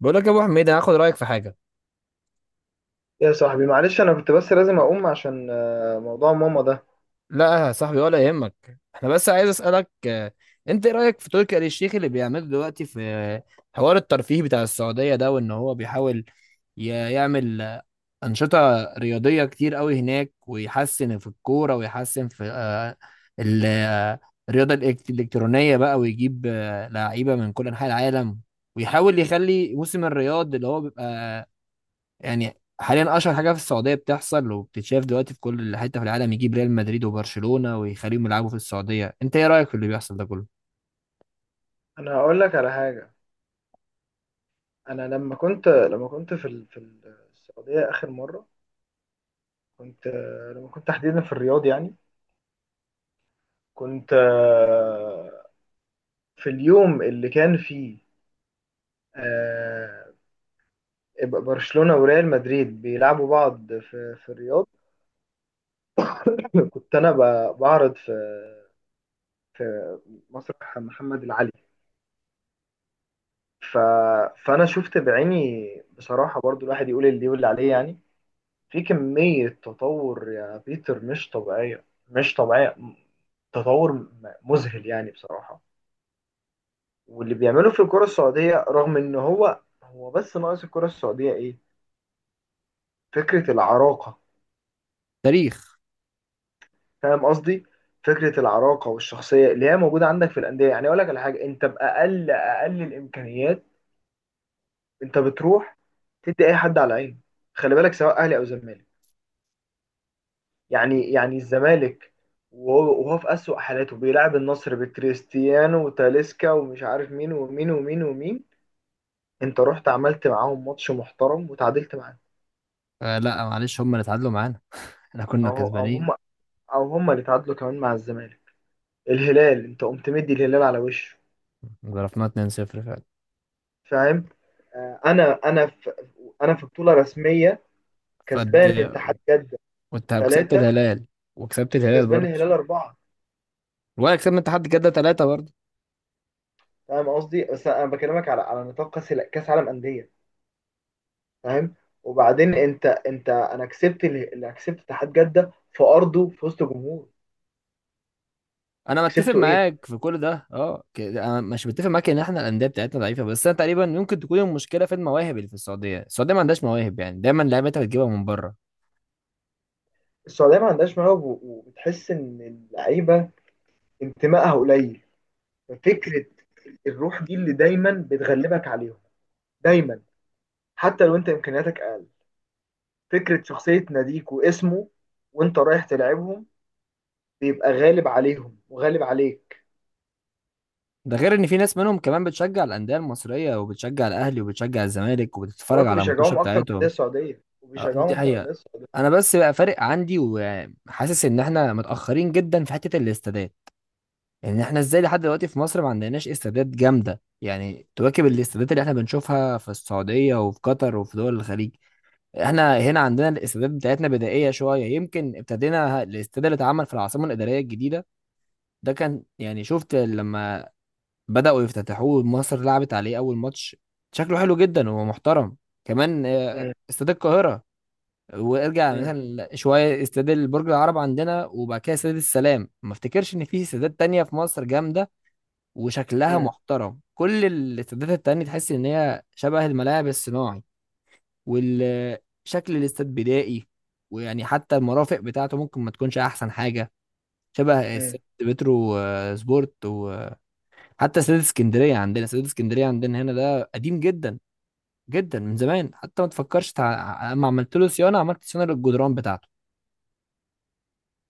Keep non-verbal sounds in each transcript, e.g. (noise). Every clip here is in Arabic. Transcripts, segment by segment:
بقول لك يا ابو حميد، انا هاخد رايك في حاجه. يا صاحبي، معلش، انا كنت بس لازم اقوم عشان موضوع ماما ده. لا يا صاحبي، ولا يهمك. احنا بس عايز اسالك، انت ايه رايك في تركي آل الشيخ اللي بيعمله دلوقتي في حوار الترفيه بتاع السعوديه ده، وان هو بيحاول ي- يعمل انشطه رياضيه كتير قوي هناك، ويحسن في الكوره، ويحسن في ال- آه، الرياضه الالكترونيه بقى، ويجيب لعيبه من كل انحاء العالم، ويحاول يخلي موسم الرياض اللي هو بيبقى يعني حاليا اشهر حاجه في السعوديه، بتحصل وبتتشاف دلوقتي في كل حته في العالم، يجيب ريال مدريد وبرشلونه ويخليهم يلعبوا في السعوديه. انت ايه رايك في اللي بيحصل ده كله؟ انا هقول لك على حاجه. انا لما كنت في في السعوديه اخر مره. كنت لما كنت تحديدا في الرياض يعني. كنت في اليوم اللي كان فيه آه، برشلونه وريال مدريد بيلعبوا بعض في في الرياض. (laughs) كنت انا بعرض في في مسرح محمد العلي. ف... فانا شفت بعيني. بصراحه برضو الواحد يقول اللي يقول اللي عليه يعني. في كمية تطور يا بيتر، مش طبيعية، مش طبيعية، تطور مذهل يعني بصراحة. واللي بيعمله في الكرة السعودية رغم إن هو بس ناقص الكرة السعودية إيه؟ فكرة العراقة. تاريخ. فاهم قصدي؟ فكرة العراقة والشخصية اللي هي موجودة عندك في الأندية. يعني أقول لك على حاجة، أنت بأقل أقل الإمكانيات أنت بتروح تدي أي حد على عينه. خلي بالك، سواء أهلي أو زمالك. يعني الزمالك وهو في أسوأ حالاته بيلعب النصر بكريستيانو وتاليسكا ومش عارف مين ومين ومين ومين، انت رحت عملت معاهم ماتش محترم وتعادلت معاهم. آه، لا معلش، هم اللي اتعادلوا معانا، احنا كنا او هم، كسبانين. او هم اللي تعادلوا كمان مع الزمالك. الهلال انت قمت مدي الهلال على وشه. ضربنا 2-0 فعلا. فاهم؟ انا في، انا في بطولة رسمية فد كسبان اتحاد جدة وانت كسبت 3 الهلال وكسبت الهلال وكسبان برضه، الهلال 4. ولا كسبنا اتحاد جده 3 برضه. فاهم قصدي؟ بس انا بكلمك على نطاق كاس عالم أندية. فاهم؟ وبعدين انت انت انا كسبت اللي كسبت اتحاد جده في ارضه في وسط جمهور انا متفق وكسبته ايه. معاك في كل ده، اه، انا مش متفق معاك ان احنا الانديه بتاعتنا ضعيفه، بس انا تقريبا يمكن تكون المشكله في المواهب اللي في السعوديه. السعوديه ما عندهاش مواهب، يعني دايما لعيبتها بتجيبها من بره. السعوديه ما عندهاش مواهب، وبتحس ان اللعيبه انتمائها قليل. ففكره الروح دي اللي دايما بتغلبك عليهم دايما، حتى لو انت امكانياتك اقل. فكره شخصيه ناديك واسمه، وانت رايح تلعبهم بيبقى غالب عليهم وغالب عليك. ده غير ان في ناس منهم كمان بتشجع الانديه المصريه، وبتشجع الاهلي، وبتشجع الزمالك، وبتتفرج كمان على الماتشات بيشجعوهم اكتر من الانديه بتاعتهم. السعوديه آه، وبيشجعوهم دي اكتر من حقيقه. الانديه السعوديه. انا بس بقى فارق عندي، وحاسس ان احنا متاخرين جدا في حته الاستادات. ان احنا ازاي لحد دلوقتي في مصر ما عندناش استادات جامده يعني تواكب الاستادات اللي احنا بنشوفها في السعوديه وفي قطر وفي دول الخليج. احنا هنا عندنا الاستادات بتاعتنا بدائيه شويه. يمكن ابتدينا الاستاد اللي اتعمل في العاصمه الاداريه الجديده، ده كان يعني، شفت لما بدأوا يفتتحوه مصر لعبت عليه أول ماتش، شكله حلو جدا، هو محترم. كمان مم. استاد القاهرة. وارجع مم. مثلا شوية استاد البرج العرب عندنا، وبعد كده استاد السلام. ما افتكرش إن في استادات تانية في مصر جامدة وشكلها مم. محترم. كل الاستادات التانية تحس إن هي شبه الملاعب الصناعي، والشكل الاستاد بدائي. ويعني حتى المرافق بتاعته ممكن ما تكونش أحسن حاجة، شبه مم. استاد بترو سبورت. حتى استاد اسكندريه عندنا هنا ده قديم جدا جدا من زمان، حتى ما تفكرش اما عملت له صيانه، عملت صيانه للجدران بتاعته.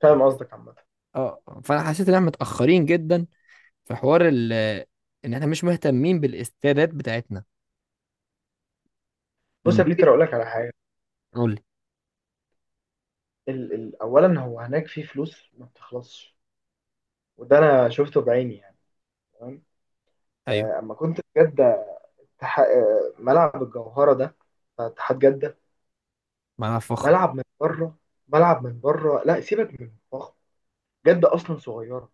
فاهم قصدك عامه. اه، فانا حسيت ان احنا متاخرين جدا في حوار ان احنا مش مهتمين بالاستادات بتاعتنا. بص لما يا تيجي بيتر، اقول لك على حاجه. قول لي. ال ال اولا، هو هناك في فلوس ما بتخلصش، وده انا شفته بعيني يعني. تمام؟ ايوه. اما كنت في جده، ملعب الجوهره ده بتاع اتحاد جده، ما انا فخم. ملعب من بره. ملعب من بره، لا سيبك من الضخم، جده اصلا صغيره،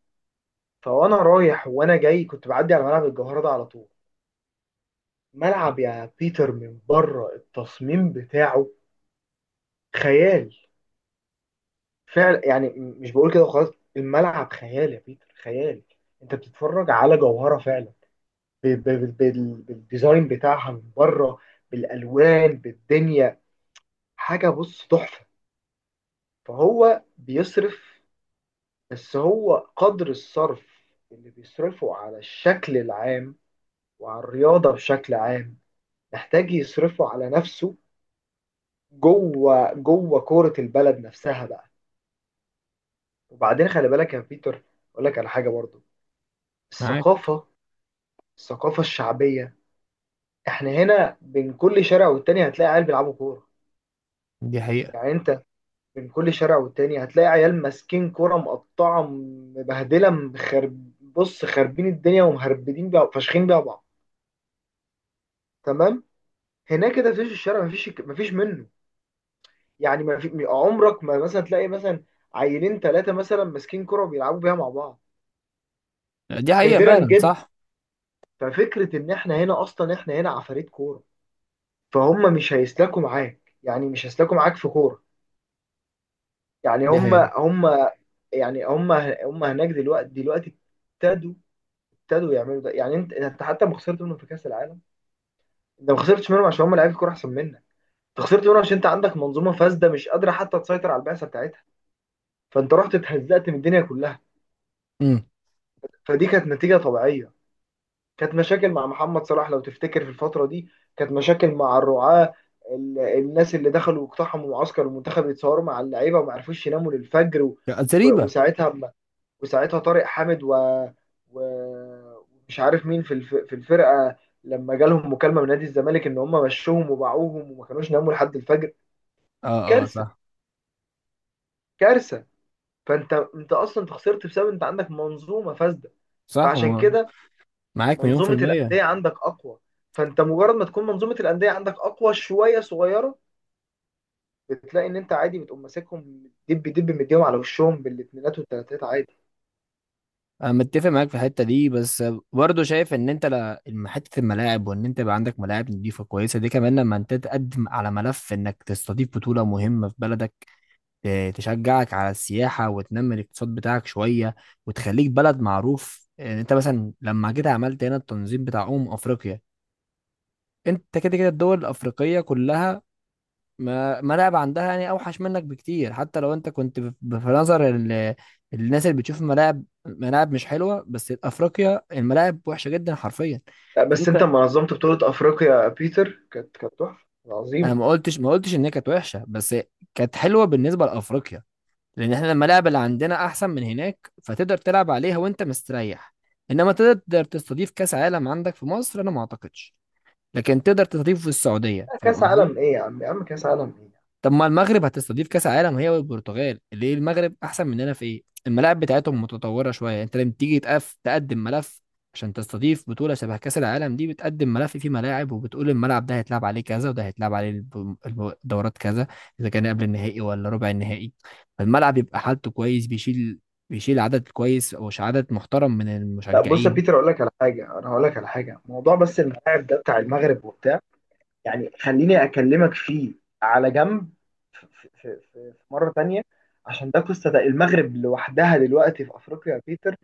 فوانا رايح وانا جاي كنت بعدي على ملعب الجوهره ده على طول. ملعب يا بيتر من بره التصميم بتاعه خيال. فعلا يعني، مش بقول كده وخلاص، الملعب خيال يا بيتر، خيال. انت بتتفرج على جوهرة فعلا، بالديزاين بتاعها من بره، بالالوان بالدنيا. حاجة بص تحفة. فهو بيصرف، بس هو قدر الصرف اللي بيصرفه على الشكل العام وعلى الرياضة بشكل عام، محتاج يصرفه على نفسه، جوه جوه كورة البلد نفسها بقى. وبعدين خلي بالك يا بيتر، اقول لك على حاجة برضو. معاك. الثقافة، الثقافة الشعبية، احنا هنا بين كل شارع والتاني هتلاقي عيال بيلعبوا كورة. دي حقيقه. يعني انت بين كل شارع والتاني هتلاقي عيال ماسكين كورة مقطعة مبهدلة مخرب بص خاربين الدنيا ومهربدين بيها فاشخين بيها بعض. تمام؟ هناك كده فيش الشارع، مفيش منه. يعني ما في عمرك ما مثلا تلاقي مثلا عيلين ثلاثة مثلا ماسكين كورة وبيلعبوا بيها مع بعض، دي حقيقه نادرا فعلا، جدا. صح. ففكرة ان احنا هنا اصلا، احنا هنا عفاريت كورة، فهم مش هيسلكوا معاك، يعني مش هيسلكوا معاك في كورة. يعني دي هم حقيقه. هم يعني هم هناك دلوقتي، دلوقتي ابتدوا ابتدوا يعملوا ده. يعني انت حتى ما خسرت منهم في كاس العالم، انت ما خسرتش منهم عشان هم لعيبه كوره احسن منك، انت خسرت منهم عشان انت عندك منظومه فاسده مش قادره حتى تسيطر على البعثه بتاعتها. فانت رحت اتهزقت من الدنيا كلها. امم. فدي كانت نتيجه طبيعيه. كانت مشاكل مع محمد صلاح لو تفتكر في الفتره دي، كانت مشاكل مع الرعاه، الناس اللي دخلوا واقتحموا معسكر المنتخب يتصوروا مع اللعيبه وما عرفوش يناموا للفجر لا، زريبه. وساعتها، وساعتها طارق حامد و... ومش عارف مين في في الفرقه، لما جالهم مكالمه من نادي الزمالك ان هم مشوهم وباعوهم، وما كانوش ناموا لحد الفجر. اه اه كارثه. صح. كارثه. فانت اصلا انت خسرت بسبب انت عندك منظومه فاسده. صح، فعشان كده معاك مليون في منظومه الميه. الانديه عندك اقوى، فانت مجرد ما تكون منظومه الانديه عندك اقوى شويه صغيره، بتلاقي ان انت عادي بتقوم ماسكهم دب دب، مديهم على وشهم بالاثنينات والثلاثات عادي. انا متفق معاك في الحته دي، بس برضه شايف ان انت حته الملاعب، وان انت يبقى عندك ملاعب نظيفه كويسه دي كمان لما انت تقدم على ملف انك تستضيف بطوله مهمه في بلدك، تشجعك على السياحه، وتنمي الاقتصاد بتاعك شويه، وتخليك بلد معروف. يعني انت مثلا لما جيت عملت هنا التنظيم بتاع افريقيا، انت كده كده الدول الافريقيه كلها ما ملاعب عندها، يعني اوحش منك بكتير، حتى لو انت كنت في نظر الناس اللي بتشوف ملاعب، مش حلوه. بس افريقيا الملاعب وحشه جدا حرفيا. لا، بس انت انت، لما نظمت بطوله افريقيا يا بيتر كانت تحفه انا عظيمه. ما قلتش ان هي كانت وحشه، بس كانت حلوه بالنسبه لافريقيا، لان احنا الملاعب اللي عندنا احسن من هناك، فتقدر تلعب عليها وانت مستريح. انما تقدر تستضيف كاس عالم عندك في مصر، انا ما اعتقدش. لكن تقدر تستضيفه في السعوديه، لا، فاهم كاس قصدي؟ عالم ايه يا عم، يا عم كاس عالم ايه. طب ما المغرب هتستضيف كاس عالم هي والبرتغال، ليه؟ المغرب احسن مننا في ايه؟ الملاعب بتاعتهم متطوره شويه. يعني انت لما تيجي تقف تقدم ملف عشان تستضيف بطوله شبه كاس العالم دي، بتقدم ملف فيه ملاعب، وبتقول الملعب ده هيتلعب عليه كذا، وده هيتلعب عليه الدورات كذا، اذا كان قبل النهائي ولا ربع النهائي. فالملعب يبقى حالته كويس، بيشيل عدد كويس او عدد محترم من لا، بص يا المشجعين. بيتر، اقول لك على حاجه. انا هقول لك على حاجه، موضوع بس الملاعب ده بتاع المغرب وبتاع، يعني خليني اكلمك فيه على جنب في, في, في, في مره تانية، عشان ده قصه، ده المغرب لوحدها دلوقتي في افريقيا يا بيتر،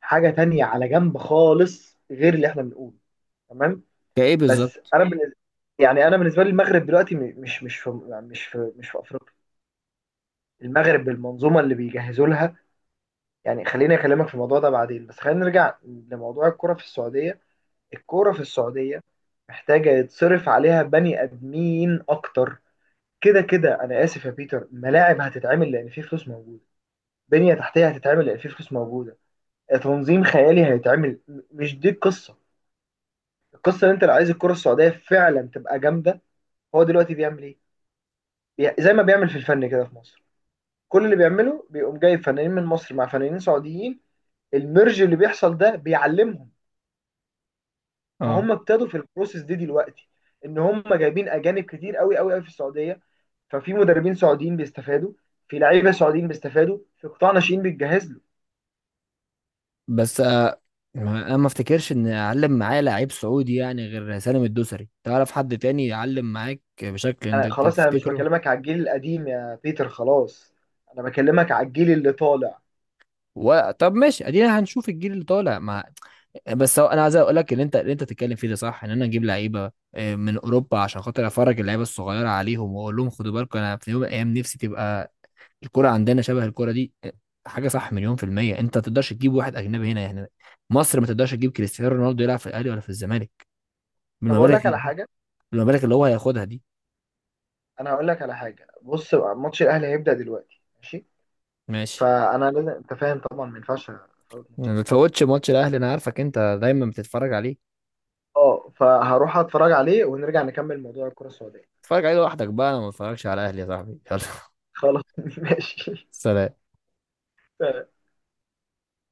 حاجه تانية على جنب خالص غير اللي احنا بنقوله. تمام؟ كايه بس بالظبط؟ انا بالنسبة، يعني انا بالنسبه لي المغرب دلوقتي مش في، يعني مش في افريقيا، المغرب بالمنظومه اللي بيجهزوا لها. يعني خليني اكلمك في الموضوع ده بعدين، بس خلينا نرجع لموضوع الكرة في السعودية. الكرة في السعودية محتاجة يتصرف عليها بني ادمين اكتر. كده كده انا اسف يا بيتر، ملاعب هتتعمل لان في فلوس موجودة، بنية تحتية هتتعمل لان في فلوس موجودة، تنظيم خيالي هيتعمل، مش دي القصة. القصة ان انت لو عايز الكرة السعودية فعلا تبقى جامدة، هو دلوقتي بيعمل ايه؟ زي ما بيعمل في الفن كده في مصر، كل اللي بيعمله بيقوم جايب فنانين من مصر مع فنانين سعوديين، الميرج اللي بيحصل ده بيعلمهم. اه، فهم ابتدوا في البروسيس دي دلوقتي، ان هم جايبين اجانب كتير قوي قوي قوي في السعوديه، ففي مدربين سعوديين بيستفادوا، في لعيبه سعوديين بيستفادوا، في قطاع ناشئين بيتجهز له. بس انا ما افتكرش ان اعلم معايا لعيب سعودي يعني غير سالم الدوسري. تعرف حد تاني يعلم معاك بشكل انا أنت خلاص، انا مش تفتكره؟ بكلمك على الجيل القديم يا بيتر، خلاص. انا بكلمك على الجيل اللي طالع. طب ماشي، ادينا هنشوف الجيل اللي طالع مع. بس هو، انا عايز اقول لك اللي انت بتتكلم فيه ده صح، ان انا اجيب لعيبه من اوروبا عشان خاطر افرج اللعيبه الصغيره عليهم، واقول لهم خدوا بالكم انا في يوم من الايام نفسي تبقى الكره عندنا شبه الكره دي، حاجه صح، مليون في الميه. انت ما تقدرش تجيب واحد اجنبي هنا يعني. مصر ما تقدرش تجيب كريستيانو رونالدو يلعب في الاهلي ولا في الزمالك طب اقول بالمبالغ، لك على حاجه، ما بالك اللي هو هياخدها دي. انا هقول لك على حاجه. بص بقى، ماتش الاهلي هيبدا دلوقتي، ماشي، ماشي. فانا لازم، انت فاهم طبعا ما ينفعش افوت ماتش ما الاهلي. بتفوتش ماتش الاهلي، انا عارفك انت دايما بتتفرج عليه. اه، فهروح اتفرج عليه ونرجع نكمل موضوع الكره السعوديه. اتفرج عليه لوحدك بقى، انا ما بتفرجش على الاهلي يا صاحبي. يلا. خلاص (laughs) ماشي. (laughs) سلام.